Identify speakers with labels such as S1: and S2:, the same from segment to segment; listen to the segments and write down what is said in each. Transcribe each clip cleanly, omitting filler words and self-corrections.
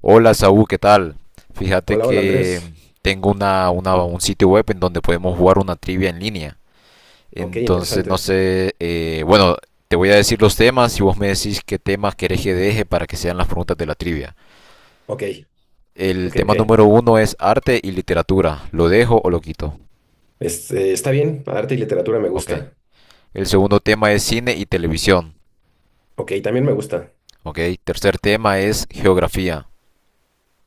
S1: Hola Saúl, ¿qué tal? Fíjate
S2: Hola, hola
S1: que
S2: Andrés.
S1: tengo un sitio web en donde podemos jugar una trivia en línea.
S2: Ok,
S1: Entonces, no
S2: interesante.
S1: sé, bueno, te voy a decir los temas y vos me decís qué temas querés que deje para que sean las preguntas de la trivia.
S2: Ok,
S1: El
S2: ok,
S1: tema
S2: ok.
S1: número uno es arte y literatura. ¿Lo dejo o lo quito?
S2: Este, está bien, arte y literatura me
S1: Ok.
S2: gusta.
S1: El segundo tema es cine y televisión.
S2: Ok, también me gusta.
S1: Ok. Tercer tema es geografía.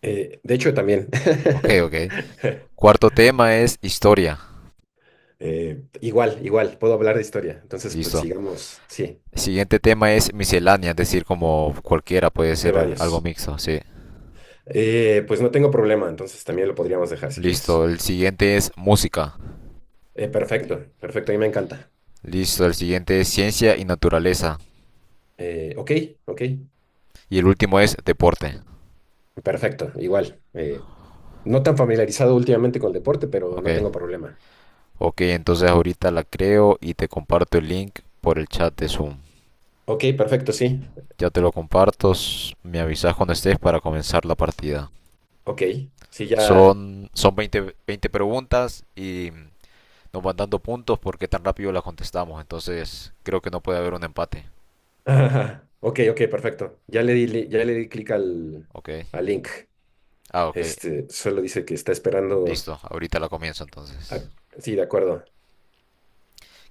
S2: De hecho, también.
S1: Ok, ok. Cuarto tema es historia.
S2: Igual, igual, puedo hablar de historia. Entonces, pues
S1: Listo.
S2: sigamos, sí,
S1: El siguiente tema es miscelánea, es decir, como cualquiera puede
S2: de
S1: ser algo
S2: varios.
S1: mixto, sí.
S2: Pues no tengo problema, entonces también lo podríamos dejar si
S1: Listo,
S2: quieres.
S1: el siguiente es música.
S2: Perfecto, perfecto, a mí me encanta.
S1: Listo, el siguiente es ciencia y naturaleza.
S2: Ok, ok,
S1: Y el último es deporte.
S2: perfecto, igual. No tan familiarizado últimamente con el deporte, pero
S1: Ok,
S2: no tengo problema.
S1: ok, entonces ahorita la creo y te comparto el link por el chat de Zoom.
S2: Ok, perfecto, sí.
S1: Ya te lo comparto, me avisas cuando estés para comenzar la partida.
S2: Ok, sí, ya.
S1: Son veinte preguntas y nos van dando puntos porque tan rápido las contestamos. Entonces creo que no puede haber un empate.
S2: Ajá. Ok, ok, perfecto. Ya le di, ya le di clic al,
S1: Ok.
S2: al link.
S1: Ah, ok.
S2: Este, solo dice que está esperando.
S1: Listo, ahorita la comienzo
S2: a-
S1: entonces.
S2: Sí, de acuerdo.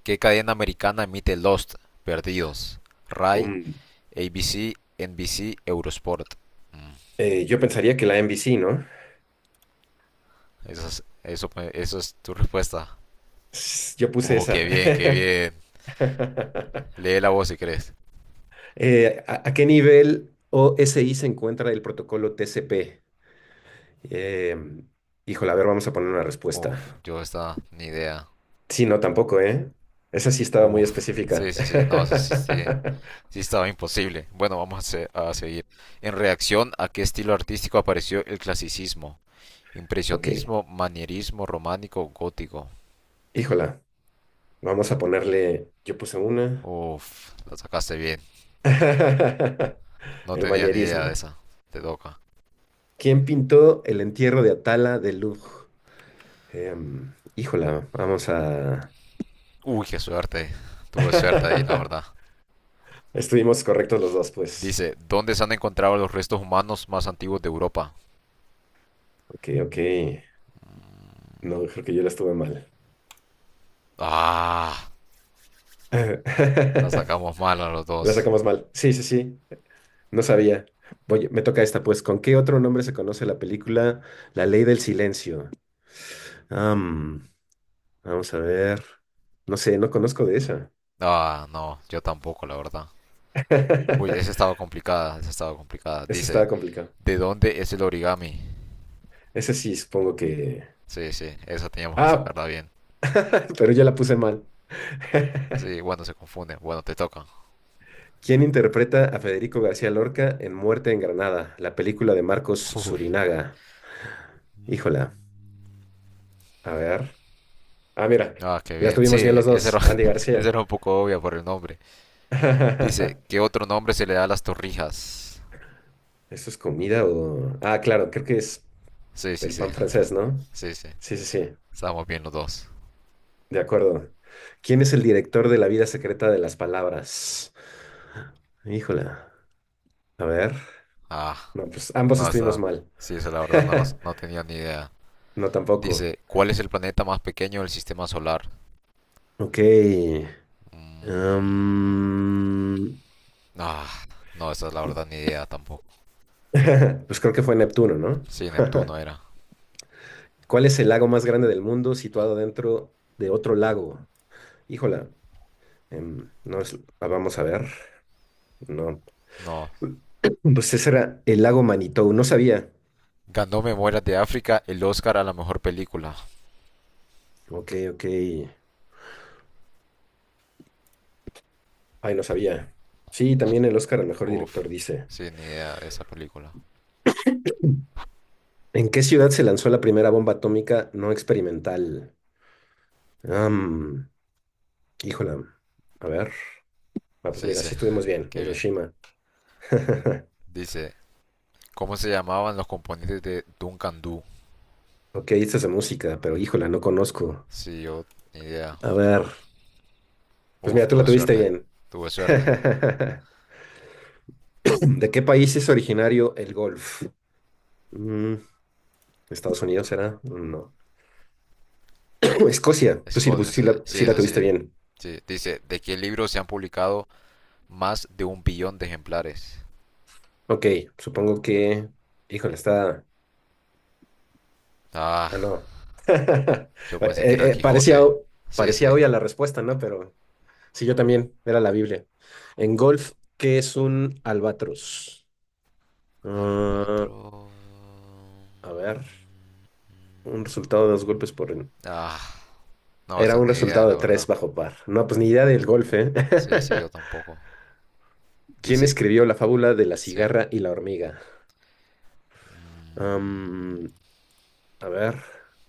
S1: ¿Qué cadena americana emite Lost, Perdidos, Rai,
S2: Um,
S1: ABC, NBC, Eurosport? Mm,
S2: yo pensaría que la NBC, ¿no?
S1: Eso es, eso es tu respuesta.
S2: Yo puse esa.
S1: Qué bien, qué bien. Lee la voz si crees.
S2: ¿A qué nivel OSI se encuentra el protocolo TCP? Em, Híjole, a ver, vamos a poner una
S1: Uf,
S2: respuesta.
S1: yo esta, ni idea.
S2: Sí, no, tampoco, ¿eh? Esa sí estaba muy
S1: Uf, sí,
S2: específica.
S1: sí, sí, no, eso sí, sí, sí estaba imposible. Bueno, vamos a seguir. En reacción, ¿a qué estilo artístico apareció el clasicismo?
S2: Ok,
S1: Impresionismo, manierismo, románico, gótico.
S2: híjola. Vamos a ponerle, yo puse una.
S1: Uf, la sacaste bien. No
S2: El
S1: tenía ni idea de
S2: manierismo.
S1: esa. Te toca.
S2: ¿Quién pintó el entierro de Atala de Lug? Híjola, vamos a...
S1: Uy, qué suerte. Tuve suerte ahí, la verdad.
S2: Estuvimos correctos los dos, pues.
S1: Dice, ¿dónde se han encontrado los restos humanos más antiguos de Europa?
S2: Ok, ok. No, creo que yo la estuve mal.
S1: Ah, la sacamos mal a los
S2: La
S1: dos.
S2: sacamos mal. Sí, sí, sí. No sabía. Oye, me toca esta, pues. ¿Con qué otro nombre se conoce la película La Ley del Silencio? Am, Vamos a ver. No sé, no conozco de esa.
S1: Ah, no, yo tampoco, la verdad. Uy,
S2: Ese
S1: esa estaba complicada, esa estaba complicada. Dice,
S2: estaba complicado.
S1: ¿de dónde es el origami?
S2: Ese sí, supongo que...
S1: Sí, sí, esa teníamos que
S2: Ah,
S1: sacarla bien.
S2: pero ya la puse mal.
S1: Sí, bueno, se confunde. Bueno, te toca.
S2: ¿Quién interpreta a Federico García Lorca en Muerte en Granada, la película de Marcos
S1: Uf.
S2: Surinaga? Híjola, a ver. Ah, mira,
S1: Ah, qué
S2: la
S1: bien. Sí,
S2: tuvimos bien los
S1: esa
S2: dos,
S1: era,
S2: Andy
S1: esa
S2: García.
S1: era un poco obvia por el nombre. Dice, ¿qué otro nombre se le da a las torrijas?
S2: ¿Eso es comida o...? Ah, claro, creo que es
S1: Sí, sí,
S2: el
S1: sí,
S2: pan francés, ¿no?
S1: sí, sí.
S2: Sí, sí, sí,
S1: Estamos bien los dos.
S2: de acuerdo. ¿Quién es el director de La vida secreta de las palabras? Híjola, a ver.
S1: Ah,
S2: No, pues ambos
S1: no,
S2: estuvimos
S1: está.
S2: mal.
S1: Sí, esa la verdad no, las- no tenía ni idea.
S2: No, tampoco.
S1: Dice, ¿cuál es el planeta más pequeño del sistema solar?
S2: Ok.
S1: Mm,
S2: am,
S1: ah, no, esa es la verdad ni idea tampoco.
S2: pues creo que fue Neptuno, ¿no?
S1: Sí, Neptuno era.
S2: ¿Cuál es el lago más grande del mundo situado dentro de otro lago? Híjola. No es- Ah, vamos a ver. No.
S1: No.
S2: Pues ese era el lago Manitou. No sabía.
S1: Ganó Memorias de África el Oscar a la mejor película.
S2: Ok, ok. Ay, no sabía. Sí, también el Oscar al mejor
S1: Uf,
S2: director dice.
S1: sí, ni idea de esa película.
S2: ¿En qué ciudad se lanzó la primera bomba atómica no experimental? Híjole, a ver. Ah, pues
S1: Sí,
S2: mira,
S1: sí,
S2: sí estuvimos bien.
S1: qué bien.
S2: Hiroshima.
S1: Dice, ¿cómo se llamaban los componentes de Duncan Dhu?
S2: Ok, esta es de música, pero híjole, no conozco.
S1: Sí, yo, ni idea.
S2: A ver. Pues
S1: Uf,
S2: mira, tú la
S1: tuve
S2: tuviste
S1: suerte.
S2: bien.
S1: Tuve suerte.
S2: ¿De qué país es originario el golf? Mm, ¿Estados Unidos será? No. Escocia. Tú sí, pues,
S1: Escocia,
S2: sí
S1: sí.
S2: la,
S1: Sí,
S2: sí
S1: es
S2: la
S1: así.
S2: tuviste bien.
S1: Sí. Dice, ¿de qué libro se han publicado más de un billón de ejemplares?
S2: Ok, supongo que. Híjole, está.
S1: Ah,
S2: Ah, no.
S1: yo pensé que era el
S2: Parecía,
S1: Quijote. Sí, sí.
S2: parecía obvia la respuesta, ¿no? Pero sí, yo también, era la Biblia. En golf, ¿qué es un albatros? Ah,
S1: Albatro...
S2: a ver, un resultado de dos golpes por...
S1: Ah, no,
S2: Era
S1: esa
S2: un
S1: ni idea,
S2: resultado de
S1: la
S2: tres
S1: verdad.
S2: bajo par. No, pues ni idea del golf, ¿eh?
S1: Sí, sí, yo tampoco.
S2: ¿Quién
S1: Dice,
S2: escribió la fábula de la
S1: sí.
S2: cigarra y la hormiga?
S1: Mm.
S2: Am, a ver,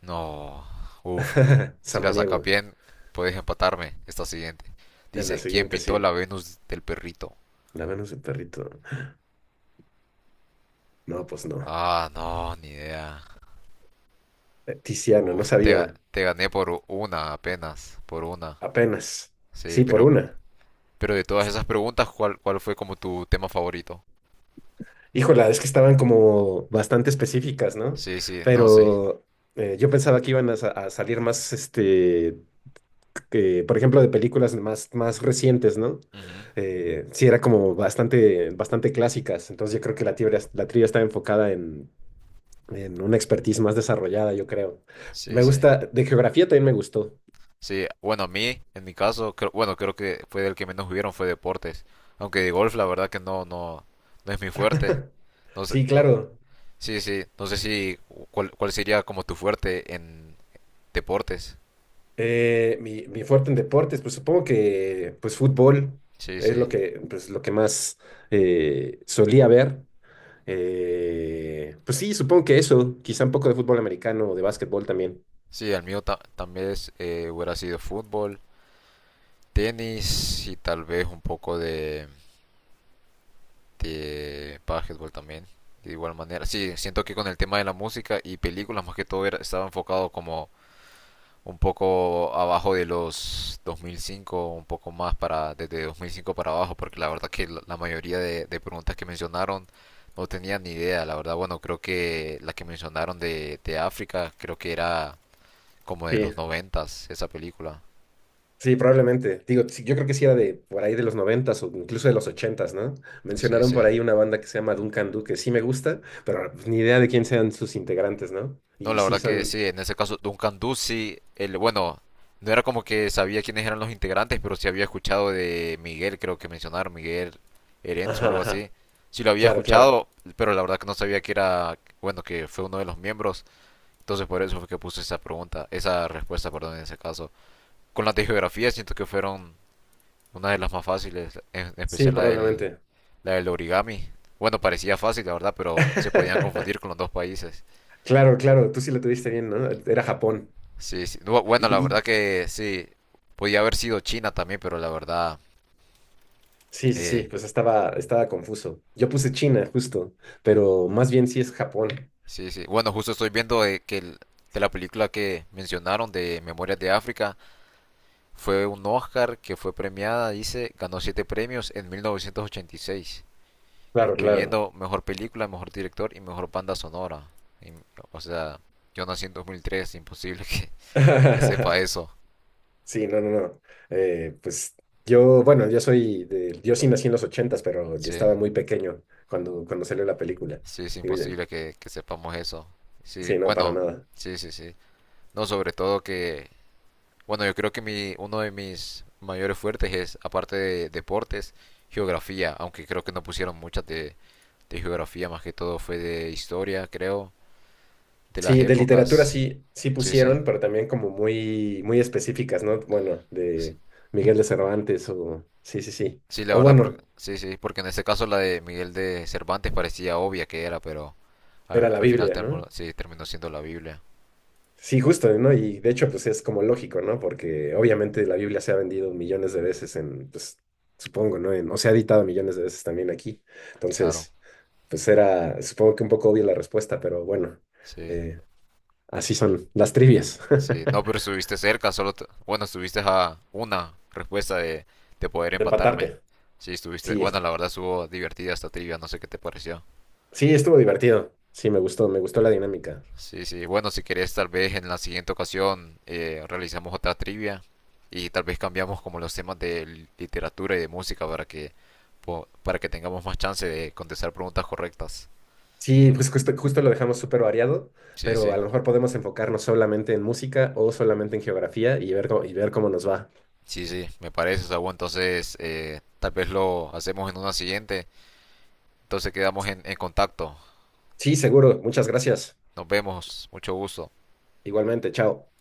S1: No, uff. Si la sacas
S2: Samaniego.
S1: bien, puedes empatarme. Esta siguiente.
S2: En la
S1: Dice, ¿quién
S2: siguiente,
S1: pintó
S2: sí.
S1: la Venus del perrito?
S2: La Venus del perrito. No, pues no.
S1: Ah, no, ni idea.
S2: Tiziano, no
S1: Uf, te, ga-
S2: sabía.
S1: te gané por una apenas, por una.
S2: Apenas.
S1: Sí,
S2: Sí, por
S1: pero,
S2: una.
S1: pero de todas esas preguntas, ¿cuál fue como tu tema favorito?
S2: Híjola, es que estaban como bastante específicas, ¿no?
S1: Sí, sí, no, sí.
S2: Pero yo pensaba que iban a salir más, este, que, por ejemplo, de películas más, más recientes, ¿no?
S1: Ujú.
S2: Sí, era como bastante, bastante clásicas. Entonces yo creo que la trivia estaba enfocada en una expertise más desarrollada, yo creo.
S1: Sí,
S2: Me
S1: sí.
S2: gusta, de geografía también me gustó.
S1: Sí, bueno, a mí, en mi caso, bueno, creo que fue el que menos hubieron fue deportes. Aunque de golf, la verdad que no, no, no es mi fuerte. No sé,
S2: Sí,
S1: cu-
S2: claro.
S1: Sí, sí. No sé si cuál sería como tu fuerte en deportes.
S2: Mi fuerte en deportes, pues supongo que pues fútbol
S1: Sí,
S2: es lo
S1: sí.
S2: que, pues, lo que más solía ver. Pues sí, supongo que eso, quizá un poco de fútbol americano o de básquetbol también.
S1: Sí, el mío también es, hubiera sido fútbol, tenis y tal vez un poco de, básquetbol también. De igual manera. Sí, siento que con el tema de la música y películas más que todo estaba enfocado como un poco abajo de los 2005, un poco más para desde 2005 para abajo, porque la verdad que la mayoría de, preguntas que mencionaron no tenían ni idea, la verdad, bueno, creo que la que mencionaron de África, creo que era como de
S2: Sí,
S1: los 90 esa película.
S2: sí, probablemente. Digo, sí, yo creo que sí era de por ahí de los noventas o incluso de los ochentas, ¿no?
S1: Sí,
S2: Mencionaron
S1: sí.
S2: por ahí una banda que se llama Duncan Du, que sí me gusta, pero pues, ni idea de quién sean sus integrantes, ¿no?
S1: No,
S2: Y
S1: la
S2: sí
S1: verdad que
S2: son...
S1: sí, en ese caso Duncan Ducey, bueno, no era como que sabía quiénes eran los integrantes, pero sí había escuchado de Miguel, creo que mencionaron, Miguel Erenzo o
S2: Ajá,
S1: algo así.
S2: ajá.
S1: Sí lo había
S2: Claro, claro.
S1: escuchado, pero la verdad que no sabía que era, bueno, que fue uno de los miembros. Entonces por eso fue que puse esa pregunta, esa respuesta, perdón, en ese caso. Con las de geografía siento que fueron una de las más fáciles, en
S2: Sí,
S1: especial la del,
S2: probablemente.
S1: la del origami. Bueno, parecía fácil, la verdad, pero se podían confundir con los dos países.
S2: Claro, claro, tú sí lo tuviste bien, ¿no? Era Japón.
S1: Sí, sí. Bu-
S2: Y,
S1: Bueno, la
S2: y-
S1: verdad que sí. Podía haber sido China también, pero la verdad,
S2: sí, sí,
S1: eh,
S2: sí, pues estaba, estaba confuso. Yo puse China, justo, pero más bien sí es Japón.
S1: sí, sí. Bueno, justo estoy viendo que de la película que mencionaron de Memorias de África fue un Oscar que fue premiada, dice, ganó siete premios en 1986,
S2: Claro, claro.
S1: incluyendo mejor película, mejor director y mejor banda sonora. Y, o sea, yo nací en 2003, imposible que sepa eso.
S2: Sí, no, no, no. Pues yo, bueno, yo soy de, yo sí nací en los ochentas, pero yo
S1: Sí,
S2: estaba muy pequeño cuando, salió la película.
S1: sí, es
S2: Digo, ya,
S1: imposible que sepamos eso. Sí,
S2: sí, no, para
S1: bueno,
S2: nada.
S1: sí, sí, sí. No, sobre todo que, bueno, yo creo que uno de mis mayores fuertes es, aparte de deportes, geografía, aunque creo que no pusieron muchas de, geografía, más que todo fue de historia, creo, de las
S2: Sí, de literatura
S1: épocas.
S2: sí, sí
S1: Sí, sí.
S2: pusieron, pero también como muy, muy específicas, ¿no? Bueno,
S1: Sí,
S2: de Miguel de Cervantes o, sí, sí, sí.
S1: sí, la
S2: O
S1: verdad, porque,
S2: bueno,
S1: sí, sí, porque en este caso la de Miguel de Cervantes parecía obvia que era, pero
S2: era
S1: al,
S2: la
S1: al final
S2: Biblia, ¿no?
S1: sí, terminó siendo la Biblia,
S2: Sí, justo, ¿no? Y de hecho, pues es como lógico, ¿no? Porque obviamente la Biblia se ha vendido millones de veces en, pues, supongo, ¿no? O se ha editado millones de veces también aquí.
S1: claro.
S2: Entonces, pues era, supongo que un poco obvia la respuesta, pero bueno,
S1: Sí.
S2: eh, así son las trivias.
S1: Sí, no, pero estuviste cerca, solo, bueno, estuviste a una respuesta de poder
S2: De
S1: empatarme.
S2: empatarte.
S1: Sí, estuviste,
S2: Sí,
S1: bueno, la verdad estuvo divertida esta trivia, no sé qué te pareció.
S2: sí, estuvo divertido. Sí, me gustó la dinámica.
S1: Sí, sí, bueno, si querés tal vez en la siguiente ocasión realizamos otra trivia y tal vez cambiamos como los temas de literatura y de música para que, para que tengamos más chance de contestar preguntas correctas.
S2: Sí, pues justo, justo lo dejamos súper variado,
S1: Sí,
S2: pero
S1: sí.
S2: a lo mejor podemos enfocarnos solamente en música o solamente en geografía y ver cómo nos va.
S1: Sí, sí, me parece, Saúl. Entonces, tal vez lo hacemos en una siguiente. Entonces quedamos en contacto.
S2: Sí, seguro. Muchas gracias.
S1: Nos vemos. Mucho gusto.
S2: Igualmente, chao.